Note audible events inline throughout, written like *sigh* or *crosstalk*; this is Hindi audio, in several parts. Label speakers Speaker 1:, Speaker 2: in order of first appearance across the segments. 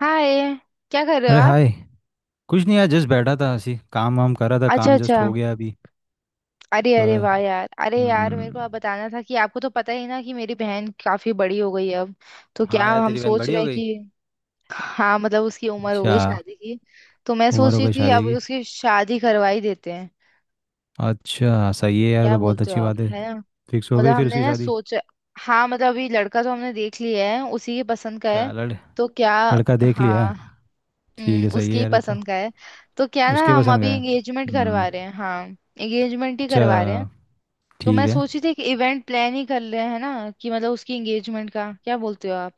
Speaker 1: हाय। क्या कर रहे हो
Speaker 2: अरे
Speaker 1: आप?
Speaker 2: हाय। कुछ नहीं यार, जस्ट बैठा था, ऐसी काम वाम कर रहा था,
Speaker 1: अच्छा,
Speaker 2: काम जस्ट
Speaker 1: अच्छा।
Speaker 2: हो गया अभी
Speaker 1: अरे
Speaker 2: तो।
Speaker 1: अरे, वाह यार। अरे यार, मेरे को
Speaker 2: हम्म।
Speaker 1: आप बताना था कि आपको तो पता ही ना कि मेरी बहन काफी बड़ी हो गई है अब। तो क्या
Speaker 2: हाँ यार,
Speaker 1: हम
Speaker 2: तेरी बहन
Speaker 1: सोच
Speaker 2: बड़ी
Speaker 1: रहे
Speaker 2: हो
Speaker 1: हैं
Speaker 2: गई।
Speaker 1: कि। हाँ, मतलब उसकी उम्र हो
Speaker 2: अच्छा।
Speaker 1: गई शादी की। तो मैं
Speaker 2: उम्र
Speaker 1: सोच
Speaker 2: हो
Speaker 1: रही
Speaker 2: गई
Speaker 1: थी
Speaker 2: शादी
Speaker 1: अब
Speaker 2: की।
Speaker 1: उसकी शादी करवा ही देते हैं।
Speaker 2: अच्छा सही है यार,
Speaker 1: क्या
Speaker 2: तो बहुत
Speaker 1: बोलते हो
Speaker 2: अच्छी
Speaker 1: आप,
Speaker 2: बात है।
Speaker 1: है ना?
Speaker 2: फिक्स हो
Speaker 1: मतलब
Speaker 2: गई फिर
Speaker 1: हमने
Speaker 2: उसकी
Speaker 1: ना
Speaker 2: शादी?
Speaker 1: सोचा। हाँ, मतलब अभी लड़का तो हमने देख लिया है, उसी के पसंद का
Speaker 2: अच्छा,
Speaker 1: है। तो क्या।
Speaker 2: लड़का देख लिया?
Speaker 1: हाँ।
Speaker 2: ठीक है, सही
Speaker 1: उसकी
Speaker 2: है
Speaker 1: ही
Speaker 2: यार, ये तो।
Speaker 1: पसंद का है। तो क्या ना,
Speaker 2: उसके
Speaker 1: हम
Speaker 2: पसंद का
Speaker 1: अभी
Speaker 2: है।
Speaker 1: एंगेजमेंट
Speaker 2: हम्म।
Speaker 1: करवा रहे हैं, हाँ। एंगेजमेंट ही
Speaker 2: अच्छा।
Speaker 1: करवा रहे हैं। तो
Speaker 2: ठीक
Speaker 1: मैं
Speaker 2: है।
Speaker 1: सोची थी कि इवेंट प्लान ही कर रहे हैं ना, कि मतलब उसकी एंगेजमेंट का, क्या बोलते हो आप?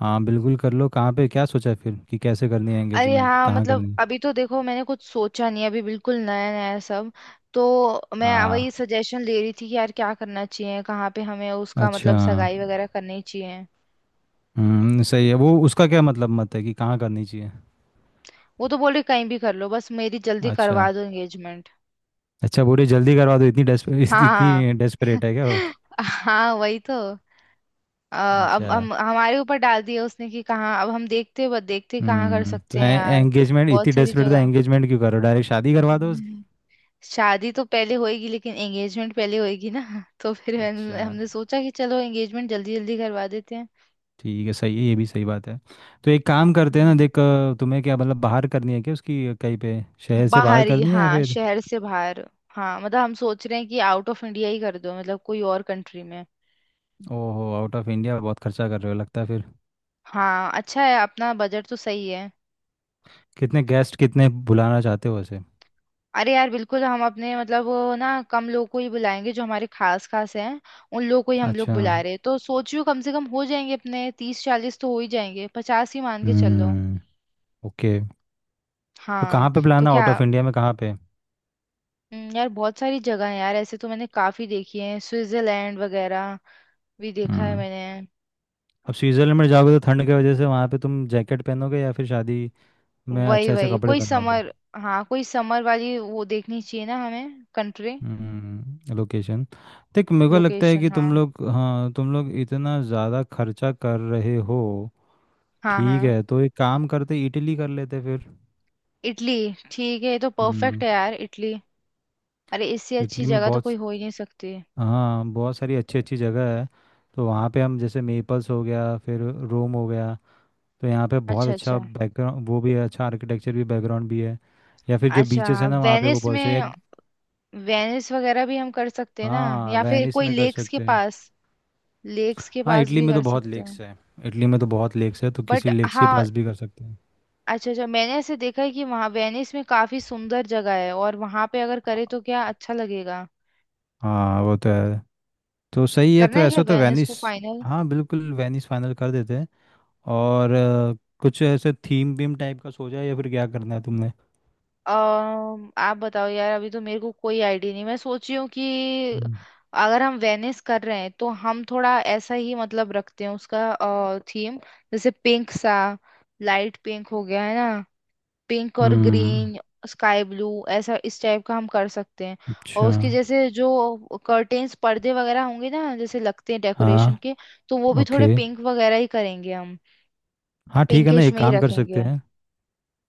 Speaker 2: हाँ बिल्कुल कर लो। कहाँ पे क्या सोचा है फिर कि कैसे करनी है
Speaker 1: अरे
Speaker 2: एंगेजमेंट,
Speaker 1: हाँ,
Speaker 2: कहाँ
Speaker 1: मतलब
Speaker 2: करनी है?
Speaker 1: अभी तो देखो मैंने कुछ सोचा नहीं है, अभी बिल्कुल नया नया है सब। तो मैं
Speaker 2: हाँ।
Speaker 1: वही सजेशन ले रही थी कि यार क्या करना चाहिए, कहाँ पे हमें उसका मतलब
Speaker 2: अच्छा।
Speaker 1: सगाई वगैरह करनी चाहिए।
Speaker 2: हम्म, सही है। वो उसका क्या मतलब मत है कि कहाँ करनी चाहिए?
Speaker 1: वो तो बोले कहीं भी कर लो, बस मेरी जल्दी
Speaker 2: अच्छा।
Speaker 1: करवा दो एंगेजमेंट।
Speaker 2: अच्छा पूरी जल्दी करवा दो, इतनी डेस्परेट
Speaker 1: हाँ
Speaker 2: *laughs*
Speaker 1: *laughs* हाँ,
Speaker 2: इतनी डेस्परेट है क्या वो?
Speaker 1: हाँ वही तो। अ, अब
Speaker 2: अच्छा।
Speaker 1: हम हमारे ऊपर डाल दिया उसने कि कहाँ, अब हम देखते बस देखते कहाँ कर
Speaker 2: हम्म, तो
Speaker 1: सकते हैं यार,
Speaker 2: एंगेजमेंट
Speaker 1: बहुत
Speaker 2: इतनी
Speaker 1: सारी
Speaker 2: डेस्परेट था?
Speaker 1: जगह।
Speaker 2: एंगेजमेंट क्यों करो, डायरेक्ट शादी करवा दो उसकी।
Speaker 1: हम्म। शादी तो पहले होएगी, लेकिन एंगेजमेंट पहले होएगी ना *laughs* तो फिर
Speaker 2: अच्छा।
Speaker 1: हमने सोचा कि चलो एंगेजमेंट जल्दी जल्दी करवा देते हैं।
Speaker 2: ठीक है, सही है, ये भी सही बात है। तो एक काम करते हैं ना,
Speaker 1: हम्म।
Speaker 2: देख तुम्हें क्या मतलब बाहर करनी है क्या उसकी कहीं पे? शहर से बाहर
Speaker 1: बाहरी,
Speaker 2: करनी है या
Speaker 1: हाँ,
Speaker 2: फिर?
Speaker 1: शहर से बाहर। हाँ, मतलब हम सोच रहे हैं कि आउट ऑफ इंडिया ही कर दो, मतलब कोई और कंट्री में।
Speaker 2: ओहो, आउट ऑफ इंडिया, बहुत खर्चा कर रहे हो लगता है फिर।
Speaker 1: हाँ, अच्छा है, अपना बजट तो सही है।
Speaker 2: कितने गेस्ट कितने बुलाना चाहते हो वैसे?
Speaker 1: अरे यार बिल्कुल, हम अपने मतलब वो ना, कम लोग को ही बुलाएंगे जो हमारे खास खास हैं। उन लोग को ही हम लोग
Speaker 2: अच्छा।
Speaker 1: बुला रहे हैं, तो सोच रही हूँ कम से कम हो जाएंगे, अपने 30 40 तो हो ही जाएंगे, 50 ही मान के चलो।
Speaker 2: हम्म। ओके। तो
Speaker 1: हाँ,
Speaker 2: कहाँ पे
Speaker 1: तो
Speaker 2: प्लान है आउट
Speaker 1: क्या।
Speaker 2: ऑफ इंडिया में, कहाँ पे?
Speaker 1: यार बहुत सारी जगह है यार, ऐसे तो मैंने काफी देखी है, स्विट्जरलैंड वगैरह भी देखा है
Speaker 2: हम्म।
Speaker 1: मैंने।
Speaker 2: अब स्विट्जरलैंड में जाओगे तो ठंड की वजह से वहाँ पे तुम जैकेट पहनोगे या फिर शादी में
Speaker 1: वही
Speaker 2: अच्छे अच्छे
Speaker 1: वही
Speaker 2: कपड़े
Speaker 1: कोई
Speaker 2: पहनोगे?
Speaker 1: समर। हाँ, कोई समर वाली वो देखनी चाहिए ना हमें, कंट्री।
Speaker 2: हम्म, लोकेशन। देख मेरे को लगता है
Speaker 1: लोकेशन।
Speaker 2: कि
Speaker 1: हाँ,
Speaker 2: तुम लोग, हाँ तुम लोग इतना ज़्यादा खर्चा कर रहे हो।
Speaker 1: हाँ,
Speaker 2: ठीक
Speaker 1: हाँ।
Speaker 2: है, तो एक काम करते, इटली कर लेते फिर।
Speaker 1: इटली। ठीक है, ये तो परफेक्ट
Speaker 2: हम्म।
Speaker 1: है यार, इटली। अरे, इससे अच्छी
Speaker 2: इटली में
Speaker 1: जगह तो
Speaker 2: बहुत
Speaker 1: कोई हो ही नहीं सकती।
Speaker 2: हाँ बहुत सारी अच्छी अच्छी जगह है। तो वहाँ पे हम जैसे मेपल्स हो गया, फिर रोम हो गया। तो यहाँ पे बहुत
Speaker 1: अच्छा,
Speaker 2: अच्छा
Speaker 1: अच्छा।
Speaker 2: बैकग्राउंड वो भी है, अच्छा आर्किटेक्चर भी, बैकग्राउंड भी है। या फिर जो
Speaker 1: अच्छा,
Speaker 2: बीचेस है ना वहाँ पे, वो
Speaker 1: वेनिस
Speaker 2: बहुत अच्छा है।
Speaker 1: में। वेनिस वगैरह भी हम कर सकते हैं ना?
Speaker 2: हाँ
Speaker 1: या फिर
Speaker 2: वेनिस
Speaker 1: कोई
Speaker 2: में कर
Speaker 1: लेक्स के
Speaker 2: सकते हैं।
Speaker 1: पास, लेक्स के
Speaker 2: हाँ
Speaker 1: पास
Speaker 2: इटली
Speaker 1: भी
Speaker 2: में तो
Speaker 1: कर
Speaker 2: बहुत
Speaker 1: सकते
Speaker 2: लेक्स
Speaker 1: हैं,
Speaker 2: है। इटली में तो बहुत लेक्स है, तो
Speaker 1: बट।
Speaker 2: किसी लेक्स के
Speaker 1: हाँ।
Speaker 2: पास भी कर सकते हैं।
Speaker 1: अच्छा, अच्छा, मैंने ऐसे देखा है कि वहाँ वेनिस में काफी सुंदर जगह है, और वहाँ पे अगर करे तो क्या अच्छा लगेगा।
Speaker 2: हाँ वो तो है। तो सही है,
Speaker 1: करना
Speaker 2: तो
Speaker 1: है क्या
Speaker 2: ऐसा तो
Speaker 1: वेनिस
Speaker 2: वेनिस।
Speaker 1: को फाइनल?
Speaker 2: हाँ बिल्कुल, वेनिस फाइनल कर देते हैं। और कुछ ऐसे थीम वीम टाइप का सोचा है या फिर क्या करना है तुमने?
Speaker 1: आप बताओ यार, अभी तो मेरे को कोई आइडिया नहीं, मैं सोच रही हूँ कि
Speaker 2: हम्म।
Speaker 1: अगर हम वेनिस कर रहे हैं तो हम थोड़ा ऐसा ही मतलब रखते हैं उसका थीम। जैसे पिंक सा। लाइट पिंक हो गया, है ना। पिंक और
Speaker 2: हम्म,
Speaker 1: ग्रीन। स्काई ब्लू, ऐसा इस टाइप का हम कर सकते हैं। और
Speaker 2: अच्छा।
Speaker 1: उसकी जैसे जो कर्टेन्स पर्दे वगैरह होंगे ना, जैसे लगते हैं डेकोरेशन
Speaker 2: हाँ।
Speaker 1: के। तो वो भी थोड़े
Speaker 2: ओके।
Speaker 1: पिंक वगैरह ही करेंगे हम।
Speaker 2: हाँ ठीक है ना,
Speaker 1: पिंकिश
Speaker 2: एक
Speaker 1: में ही
Speaker 2: काम कर
Speaker 1: रखेंगे।
Speaker 2: सकते हैं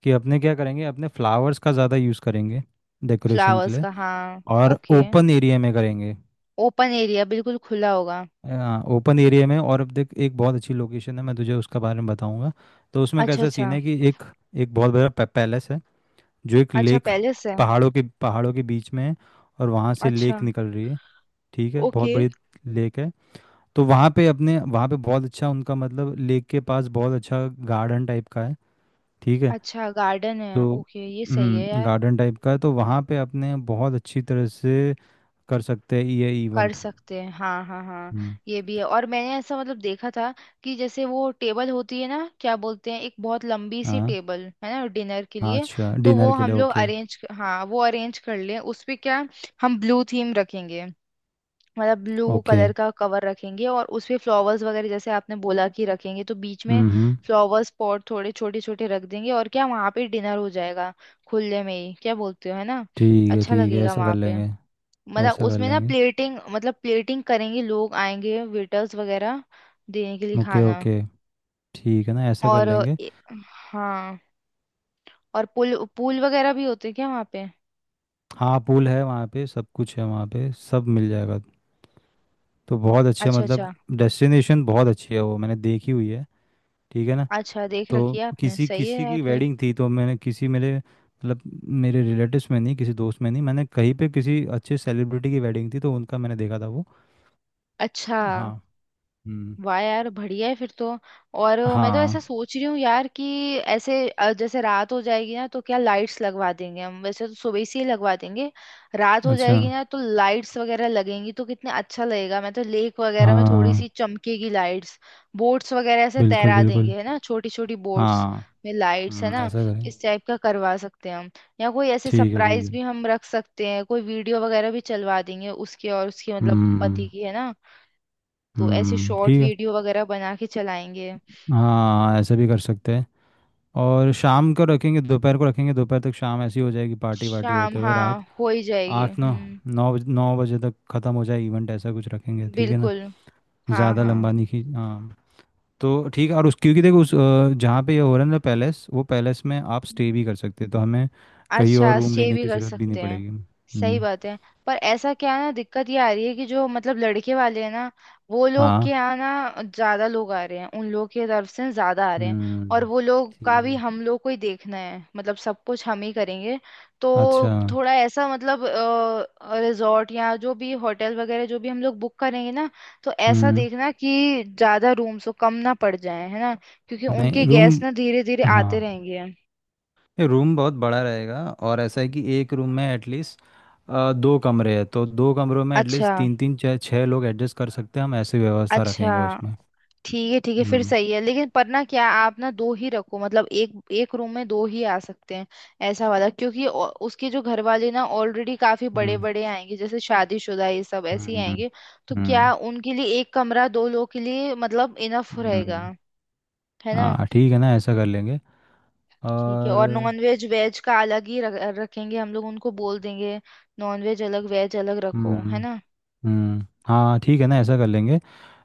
Speaker 2: कि अपने क्या करेंगे, अपने फ्लावर्स का ज़्यादा यूज़ करेंगे डेकोरेशन के
Speaker 1: फ्लावर्स
Speaker 2: लिए।
Speaker 1: का, हाँ।
Speaker 2: और
Speaker 1: ओके,
Speaker 2: ओपन एरिया में करेंगे।
Speaker 1: ओपन एरिया बिल्कुल खुला होगा।
Speaker 2: हाँ ओपन एरिया में। और अब देख, एक बहुत अच्छी लोकेशन है, मैं तुझे उसका बारे में बताऊंगा। तो उसमें
Speaker 1: अच्छा,
Speaker 2: कैसा सीन
Speaker 1: अच्छा।
Speaker 2: है कि एक, एक बहुत बड़ा पैलेस है, जो एक
Speaker 1: अच्छा
Speaker 2: लेक,
Speaker 1: पैलेस है।
Speaker 2: पहाड़ों के बीच में है। और वहाँ से
Speaker 1: अच्छा,
Speaker 2: लेक निकल रही है। ठीक है, बहुत
Speaker 1: ओके।
Speaker 2: बड़ी लेक है। तो वहाँ पे अपने, वहाँ पे बहुत अच्छा उनका मतलब लेक के पास बहुत अच्छा गार्डन टाइप का है। ठीक है।
Speaker 1: अच्छा गार्डन है,
Speaker 2: तो
Speaker 1: ओके, ये सही है
Speaker 2: हम्म,
Speaker 1: यार।
Speaker 2: गार्डन टाइप का है तो वहाँ पे अपने बहुत अच्छी तरह से कर सकते हैं ये
Speaker 1: कर
Speaker 2: इवेंट।
Speaker 1: सकते हैं, हाँ, हाँ, हाँ।
Speaker 2: हम्म।
Speaker 1: ये भी है, और मैंने ऐसा मतलब देखा था कि जैसे वो टेबल होती है ना, क्या बोलते हैं, एक बहुत लंबी सी
Speaker 2: हाँ।
Speaker 1: टेबल है ना डिनर के
Speaker 2: हाँ,
Speaker 1: लिए।
Speaker 2: अच्छा
Speaker 1: तो
Speaker 2: डिनर
Speaker 1: वो
Speaker 2: के
Speaker 1: हम
Speaker 2: लिए,
Speaker 1: लोग
Speaker 2: ओके।
Speaker 1: अरेंज, हाँ, वो अरेंज कर लें, उस पे क्या। हम ब्लू थीम रखेंगे। मतलब ब्लू
Speaker 2: ओके।
Speaker 1: कलर का कवर रखेंगे, और उसपे फ्लावर्स वगैरह जैसे आपने बोला कि रखेंगे तो बीच में
Speaker 2: हम्म।
Speaker 1: फ्लावर्स पॉट थोड़े छोटे छोटे रख देंगे, और क्या, वहां पे डिनर हो जाएगा। खुले में ही, क्या बोलते हो, है ना।
Speaker 2: ठीक है।
Speaker 1: अच्छा
Speaker 2: ठीक है,
Speaker 1: लगेगा
Speaker 2: ऐसा कर
Speaker 1: वहां पे।
Speaker 2: लेंगे।
Speaker 1: मतलब
Speaker 2: ऐसा कर
Speaker 1: उसमें ना
Speaker 2: लेंगे।
Speaker 1: प्लेटिंग, मतलब प्लेटिंग करेंगे, लोग आएंगे वेटर्स वगैरह देने के लिए
Speaker 2: ओके
Speaker 1: खाना।
Speaker 2: ओके, ठीक है ना, ऐसा कर
Speaker 1: और
Speaker 2: लेंगे।
Speaker 1: हाँ। और पूल पूल वगैरह भी होते हैं क्या वहाँ पे?
Speaker 2: हाँ पूल है वहाँ पे, सब कुछ है वहाँ पे, सब मिल जाएगा। तो बहुत अच्छे
Speaker 1: अच्छा,
Speaker 2: मतलब
Speaker 1: अच्छा।
Speaker 2: डेस्टिनेशन बहुत अच्छी है, वो मैंने देखी हुई है। ठीक है ना।
Speaker 1: अच्छा, देख
Speaker 2: तो
Speaker 1: रखी है आपने,
Speaker 2: किसी
Speaker 1: सही है
Speaker 2: किसी
Speaker 1: यार
Speaker 2: की
Speaker 1: फिर।
Speaker 2: वेडिंग थी, तो मैंने किसी मेरे मतलब मेरे रिलेटिव्स में नहीं, किसी दोस्त में नहीं, मैंने कहीं पे किसी अच्छे सेलिब्रिटी की वेडिंग थी तो उनका मैंने देखा था वो।
Speaker 1: अच्छा,
Speaker 2: हाँ। हम्म।
Speaker 1: वाह यार, बढ़िया है फिर तो। और मैं तो ऐसा
Speaker 2: हाँ।
Speaker 1: सोच रही हूँ यार कि ऐसे जैसे रात हो जाएगी ना तो क्या लाइट्स लगवा देंगे हम, वैसे तो सुबह से ही लगवा देंगे। रात हो
Speaker 2: अच्छा।
Speaker 1: जाएगी ना तो लाइट्स वगैरह लगेंगी, तो कितना अच्छा लगेगा, मैं तो लेक वगैरह में थोड़ी
Speaker 2: हाँ।
Speaker 1: सी चमकेगी लाइट्स। बोट्स वगैरह ऐसे
Speaker 2: बिल्कुल
Speaker 1: तैरा
Speaker 2: बिल्कुल।
Speaker 1: देंगे, है ना, छोटी छोटी बोट्स
Speaker 2: हाँ।
Speaker 1: में लाइट्स, है ना।
Speaker 2: ऐसा करें।
Speaker 1: इस टाइप का करवा सकते हैं हम। या कोई ऐसे
Speaker 2: ठीक है ठीक
Speaker 1: सरप्राइज
Speaker 2: है।
Speaker 1: भी हम रख सकते हैं, कोई वीडियो वगैरह भी चलवा देंगे, उसके और उसके मतलब पति
Speaker 2: हम्म।
Speaker 1: की, है ना। तो ऐसे शॉर्ट
Speaker 2: ठीक है।
Speaker 1: वीडियो वगैरह बना के चलाएंगे।
Speaker 2: हाँ ऐसे भी कर सकते हैं। और शाम को रखेंगे, दोपहर को रखेंगे, दोपहर तक शाम ऐसी हो जाएगी, पार्टी वार्टी
Speaker 1: शाम,
Speaker 2: होते हुए रात
Speaker 1: हाँ, हो ही जाएगी,
Speaker 2: 8, 9,
Speaker 1: हम्म।
Speaker 2: नौ बज- 9 बजे तक ख़त्म हो जाए इवेंट, ऐसा कुछ रखेंगे, ठीक है ना।
Speaker 1: बिल्कुल। हाँ,
Speaker 2: ज़्यादा
Speaker 1: हाँ।
Speaker 2: लंबा नहीं खींच, हाँ। तो ठीक है। और उस क्योंकि देखो उस जहाँ पे ये हो रहा है ना पैलेस, वो पैलेस में आप स्टे भी कर सकते हैं, तो हमें कहीं और
Speaker 1: अच्छा,
Speaker 2: रूम
Speaker 1: स्टे
Speaker 2: लेने
Speaker 1: भी
Speaker 2: की
Speaker 1: कर
Speaker 2: ज़रूरत भी नहीं
Speaker 1: सकते हैं।
Speaker 2: पड़ेगी।
Speaker 1: सही
Speaker 2: हम्म।
Speaker 1: बात है। पर ऐसा क्या है ना, दिक्कत ये आ रही है कि जो मतलब लड़के वाले हैं ना, वो लोग के
Speaker 2: हाँ।
Speaker 1: यहाँ ना ज्यादा लोग आ रहे हैं, उन लोगों की तरफ से ज्यादा आ रहे हैं। और
Speaker 2: हम्म।
Speaker 1: वो लोग का
Speaker 2: ठीक
Speaker 1: भी
Speaker 2: है।
Speaker 1: हम लोग को ही देखना है, मतलब सब कुछ हम ही करेंगे।
Speaker 2: अच्छा।
Speaker 1: तो थोड़ा ऐसा मतलब रिजॉर्ट या जो भी होटल वगैरह जो भी हम लोग बुक करेंगे ना, तो ऐसा
Speaker 2: हम्म।
Speaker 1: देखना कि ज्यादा रूम्स हो, कम ना पड़ जाए, है ना। क्योंकि
Speaker 2: नहीं,
Speaker 1: उनके
Speaker 2: रूम,
Speaker 1: गेस्ट ना धीरे धीरे
Speaker 2: हाँ,
Speaker 1: आते रहेंगे।
Speaker 2: ये रूम बहुत बड़ा रहेगा। और ऐसा है कि एक रूम में एटलीस्ट, 2 कमरे हैं तो 2 कमरों में
Speaker 1: अच्छा,
Speaker 2: एटलीस्ट तीन तीन छः छः लोग एडजस्ट कर सकते हैं, हम ऐसी व्यवस्था रखेंगे
Speaker 1: अच्छा।
Speaker 2: उसमें।
Speaker 1: ठीक है, ठीक है फिर,
Speaker 2: हम्म।
Speaker 1: सही है लेकिन। पर ना, क्या आप ना दो ही रखो, मतलब एक एक रूम में दो ही आ सकते हैं। ऐसा वाला, क्योंकि उसके जो घर वाले ना ऑलरेडी काफी बड़े
Speaker 2: हम्म।
Speaker 1: बड़े आएंगे, जैसे शादीशुदा ये सब ऐसे ही
Speaker 2: हम्म।
Speaker 1: आएंगे। तो
Speaker 2: हम्म।
Speaker 1: क्या उनके लिए एक कमरा दो लोग के लिए मतलब इनफ रहेगा,
Speaker 2: हम्म,
Speaker 1: है ना।
Speaker 2: हाँ ठीक है ना, ऐसा कर लेंगे।
Speaker 1: ठीक है,
Speaker 2: और।
Speaker 1: और नॉन वेज वेज का अलग ही रखेंगे हम लोग, उनको बोल देंगे। नॉन वेज अलग, वेज अलग रखो, है
Speaker 2: हम्म।
Speaker 1: ना।
Speaker 2: हाँ, ठीक है ना, ऐसा कर लेंगे।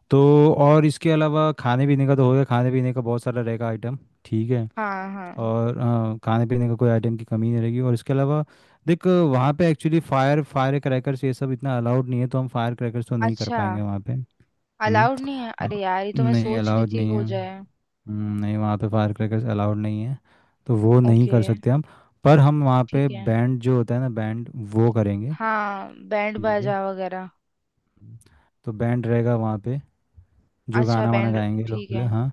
Speaker 2: तो। और इसके अलावा खाने पीने का तो हो गया, खाने पीने का बहुत सारा रहेगा आइटम। ठीक है।
Speaker 1: हाँ, हाँ।
Speaker 2: और हाँ, खाने पीने का कोई आइटम की कमी नहीं रहेगी। और इसके अलावा देख, वहाँ पे एक्चुअली फायर फायर क्रैकर्स ये सब इतना अलाउड नहीं है, तो हम फायर क्रैकर्स तो नहीं कर
Speaker 1: अच्छा,
Speaker 2: पाएंगे वहाँ पे। हम्म।
Speaker 1: अलाउड नहीं है?
Speaker 2: अ,
Speaker 1: अरे यार, ये तो मैं
Speaker 2: नहीं
Speaker 1: सोच रही
Speaker 2: अलाउड
Speaker 1: थी
Speaker 2: नहीं है।
Speaker 1: हो जाए।
Speaker 2: नहीं, वहाँ पे फायर क्रैकर्स अलाउड नहीं है। तो वो नहीं
Speaker 1: ओके,
Speaker 2: कर सकते हम। पर हम वहाँ पे
Speaker 1: ठीक है।
Speaker 2: बैंड, जो होता है ना बैंड, वो करेंगे।
Speaker 1: हाँ, बैंड
Speaker 2: ठीक है।
Speaker 1: बाजा वगैरह।
Speaker 2: हम्म, तो बैंड रहेगा वहाँ पे। जो
Speaker 1: अच्छा
Speaker 2: गाना वाना
Speaker 1: बैंड।
Speaker 2: गाएंगे लोग,
Speaker 1: ठीक
Speaker 2: बोले
Speaker 1: है,
Speaker 2: हाँ।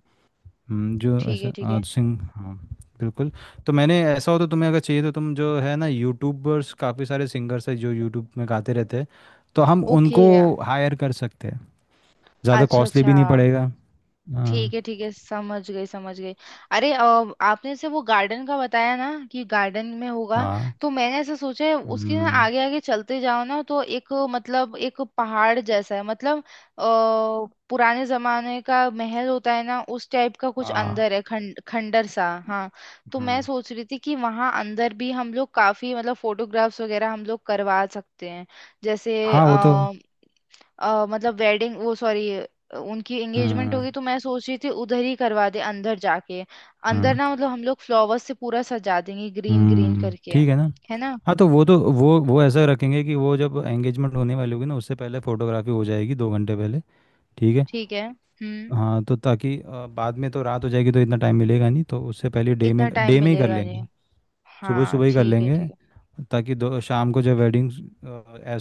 Speaker 2: जो
Speaker 1: ठीक है,
Speaker 2: ऐसा
Speaker 1: ठीक है,
Speaker 2: आज सिंह, हाँ। बिल्कुल। तो मैंने ऐसा, हो तो तुम्हें अगर चाहिए तो तुम, जो है ना यूट्यूबर्स काफ़ी सारे सिंगर्स है जो यूट्यूब में गाते रहते हैं, तो हम
Speaker 1: ओके।
Speaker 2: उनको हायर कर सकते हैं। ज़्यादा
Speaker 1: अच्छा,
Speaker 2: कॉस्टली भी
Speaker 1: अच्छा।
Speaker 2: नहीं पड़ेगा। हाँ।
Speaker 1: ठीक है, ठीक है, समझ गई, समझ गई। अरे आपने से वो गार्डन का बताया ना कि गार्डन में होगा।
Speaker 2: हाँ।
Speaker 1: तो मैंने ऐसा सोचा है, उसके ना
Speaker 2: हम्म,
Speaker 1: आगे आगे चलते जाओ ना तो एक मतलब एक पहाड़ जैसा है, मतलब अ, पुराने जमाने का महल होता है ना, उस टाइप का कुछ
Speaker 2: हाँ।
Speaker 1: अंदर है, खंड खंडर सा, हाँ। तो मैं
Speaker 2: हम्म,
Speaker 1: सोच रही थी कि वहाँ अंदर भी हम लोग काफी मतलब फोटोग्राफ्स वगैरह हम लोग करवा सकते हैं। जैसे
Speaker 2: हाँ वो तो।
Speaker 1: मतलब वेडिंग वो, सॉरी, उनकी एंगेजमेंट
Speaker 2: हम्म।
Speaker 1: होगी, तो मैं सोच रही थी उधर ही करवा दे, अंदर जाके। अंदर
Speaker 2: हम्म।
Speaker 1: ना मतलब हम लोग फ्लावर्स से पूरा सजा देंगे, ग्रीन ग्रीन करके,
Speaker 2: ठीक है ना।
Speaker 1: है ना।
Speaker 2: हाँ तो वो तो वो ऐसा रखेंगे कि वो जब एंगेजमेंट होने वाली होगी ना, उससे पहले फोटोग्राफी हो जाएगी, 2 घंटे पहले। ठीक है।
Speaker 1: ठीक है, हम्म।
Speaker 2: हाँ तो ताकि बाद में तो रात हो जाएगी तो इतना टाइम मिलेगा नहीं, तो उससे पहले डे
Speaker 1: इतना
Speaker 2: में,
Speaker 1: टाइम
Speaker 2: डे में ही कर
Speaker 1: मिलेगा नहीं।
Speaker 2: लेंगे। सुबह
Speaker 1: हाँ,
Speaker 2: सुबह ही कर
Speaker 1: ठीक है,
Speaker 2: लेंगे।
Speaker 1: ठीक है,
Speaker 2: ताकि दो शाम को जब वेडिंग,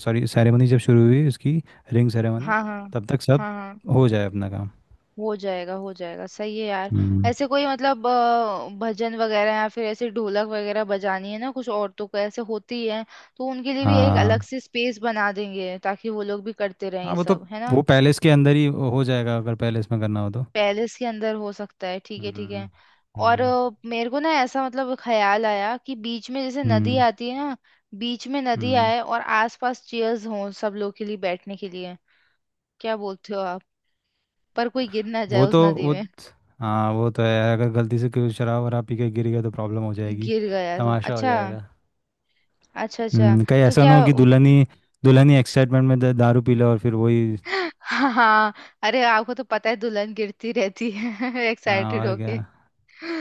Speaker 2: सॉरी सेरेमनी, जब शुरू हुई इसकी, रिंग सेरेमनी,
Speaker 1: हाँ, हाँ।
Speaker 2: तब तक सब
Speaker 1: हाँ, हाँ,
Speaker 2: हो जाए अपना काम।
Speaker 1: हो जाएगा, हो जाएगा, सही है यार।
Speaker 2: हम्म।
Speaker 1: ऐसे कोई मतलब भजन वगैरह, या फिर ऐसे ढोलक वगैरह बजानी है ना कुछ औरतों को ऐसे होती है। तो उनके लिए भी एक अलग
Speaker 2: हाँ।
Speaker 1: से स्पेस बना देंगे, ताकि वो लोग भी करते रहें
Speaker 2: हाँ
Speaker 1: ये
Speaker 2: वो तो,
Speaker 1: सब, है ना।
Speaker 2: वो पैलेस के अंदर ही हो जाएगा अगर पैलेस में करना हो तो।
Speaker 1: पैलेस के अंदर हो सकता है, ठीक है, ठीक
Speaker 2: हम्म।
Speaker 1: है। और
Speaker 2: हम्म।
Speaker 1: मेरे को ना ऐसा मतलब ख्याल आया कि बीच में जैसे नदी
Speaker 2: हम्म।
Speaker 1: आती है ना। बीच में नदी
Speaker 2: हम्म।
Speaker 1: आए, और आसपास चेयर्स हों सब लोग के लिए बैठने के लिए। क्या बोलते हो आप? पर कोई गिर ना जाए
Speaker 2: वो
Speaker 1: उस
Speaker 2: तो
Speaker 1: नदी
Speaker 2: वो,
Speaker 1: में।
Speaker 2: हाँ वो तो है, अगर गलती से कोई शराब वराब पी के गिर गया तो प्रॉब्लम हो जाएगी।
Speaker 1: गिर गया तो?
Speaker 2: तमाशा हो
Speaker 1: अच्छा,
Speaker 2: जाएगा।
Speaker 1: अच्छा। अच्छा,
Speaker 2: हम्म, कहीं
Speaker 1: तो
Speaker 2: ऐसा ना
Speaker 1: क्या।
Speaker 2: हो कि दुल्हनी, दुल्हनी एक्साइटमेंट में दारू पी ले और फिर वही।
Speaker 1: *laughs* हाँ, हाँ, अरे आपको तो पता है दुल्हन गिरती रहती है *laughs*
Speaker 2: हाँ
Speaker 1: एक्साइटेड
Speaker 2: और क्या।
Speaker 1: होके।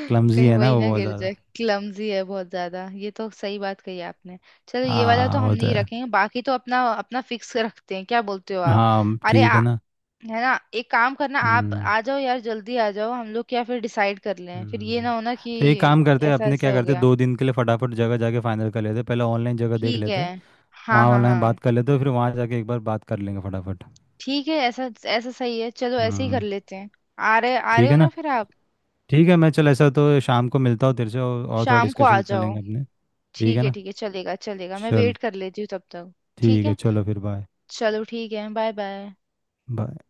Speaker 2: क्लमजी
Speaker 1: कहीं
Speaker 2: है ना
Speaker 1: वही
Speaker 2: वो
Speaker 1: ना
Speaker 2: बहुत
Speaker 1: गिर
Speaker 2: ज़्यादा।
Speaker 1: जाए, क्लमजी है बहुत ज्यादा, ये तो सही बात कही आपने। चलो ये वाला तो
Speaker 2: हाँ
Speaker 1: हम
Speaker 2: वो तो
Speaker 1: नहीं
Speaker 2: है।
Speaker 1: रखेंगे, बाकी तो अपना अपना फिक्स रखते हैं, क्या बोलते हो आप?
Speaker 2: हाँ
Speaker 1: अरे
Speaker 2: ठीक है ना।
Speaker 1: है ना, एक काम करना, आप
Speaker 2: हम्म।
Speaker 1: आ जाओ यार, जल्दी आ जाओ, हम लोग क्या फिर डिसाइड कर लें, फिर ये
Speaker 2: हम्म।
Speaker 1: ना हो ना
Speaker 2: तो एक
Speaker 1: कि
Speaker 2: काम करते हैं,
Speaker 1: ऐसा
Speaker 2: अपने
Speaker 1: ऐसा
Speaker 2: क्या
Speaker 1: हो
Speaker 2: करते हैं,
Speaker 1: गया।
Speaker 2: 2 दिन के लिए फटाफट जगह जाके फाइनल कर लेते हैं, पहले ऑनलाइन जगह देख
Speaker 1: ठीक है,
Speaker 2: लेते हैं,
Speaker 1: हाँ,
Speaker 2: वहाँ
Speaker 1: हाँ,
Speaker 2: ऑनलाइन
Speaker 1: हाँ।
Speaker 2: बात कर लेते हैं, फिर वहाँ जाके एक बार बात कर लेंगे फटाफट।
Speaker 1: ठीक है, ऐसा ऐसा सही है, चलो ऐसे ही कर
Speaker 2: हम्म।
Speaker 1: लेते हैं। आ रहे
Speaker 2: ठीक
Speaker 1: हो
Speaker 2: है
Speaker 1: ना
Speaker 2: ना।
Speaker 1: फिर आप।
Speaker 2: ठीक है, मैं चल ऐसा तो शाम को मिलता हूँ तेरे से, और थोड़ा
Speaker 1: शाम को आ
Speaker 2: डिस्कशन कर
Speaker 1: जाओ।
Speaker 2: लेंगे अपने। ठीक
Speaker 1: ठीक
Speaker 2: है
Speaker 1: है,
Speaker 2: ना।
Speaker 1: ठीक है, चलेगा, चलेगा, मैं
Speaker 2: चल
Speaker 1: वेट कर लेती हूँ तब तक। ठीक
Speaker 2: ठीक है,
Speaker 1: है,
Speaker 2: चलो फिर बाय।
Speaker 1: चलो, ठीक है, बाय, बाय।
Speaker 2: बाय।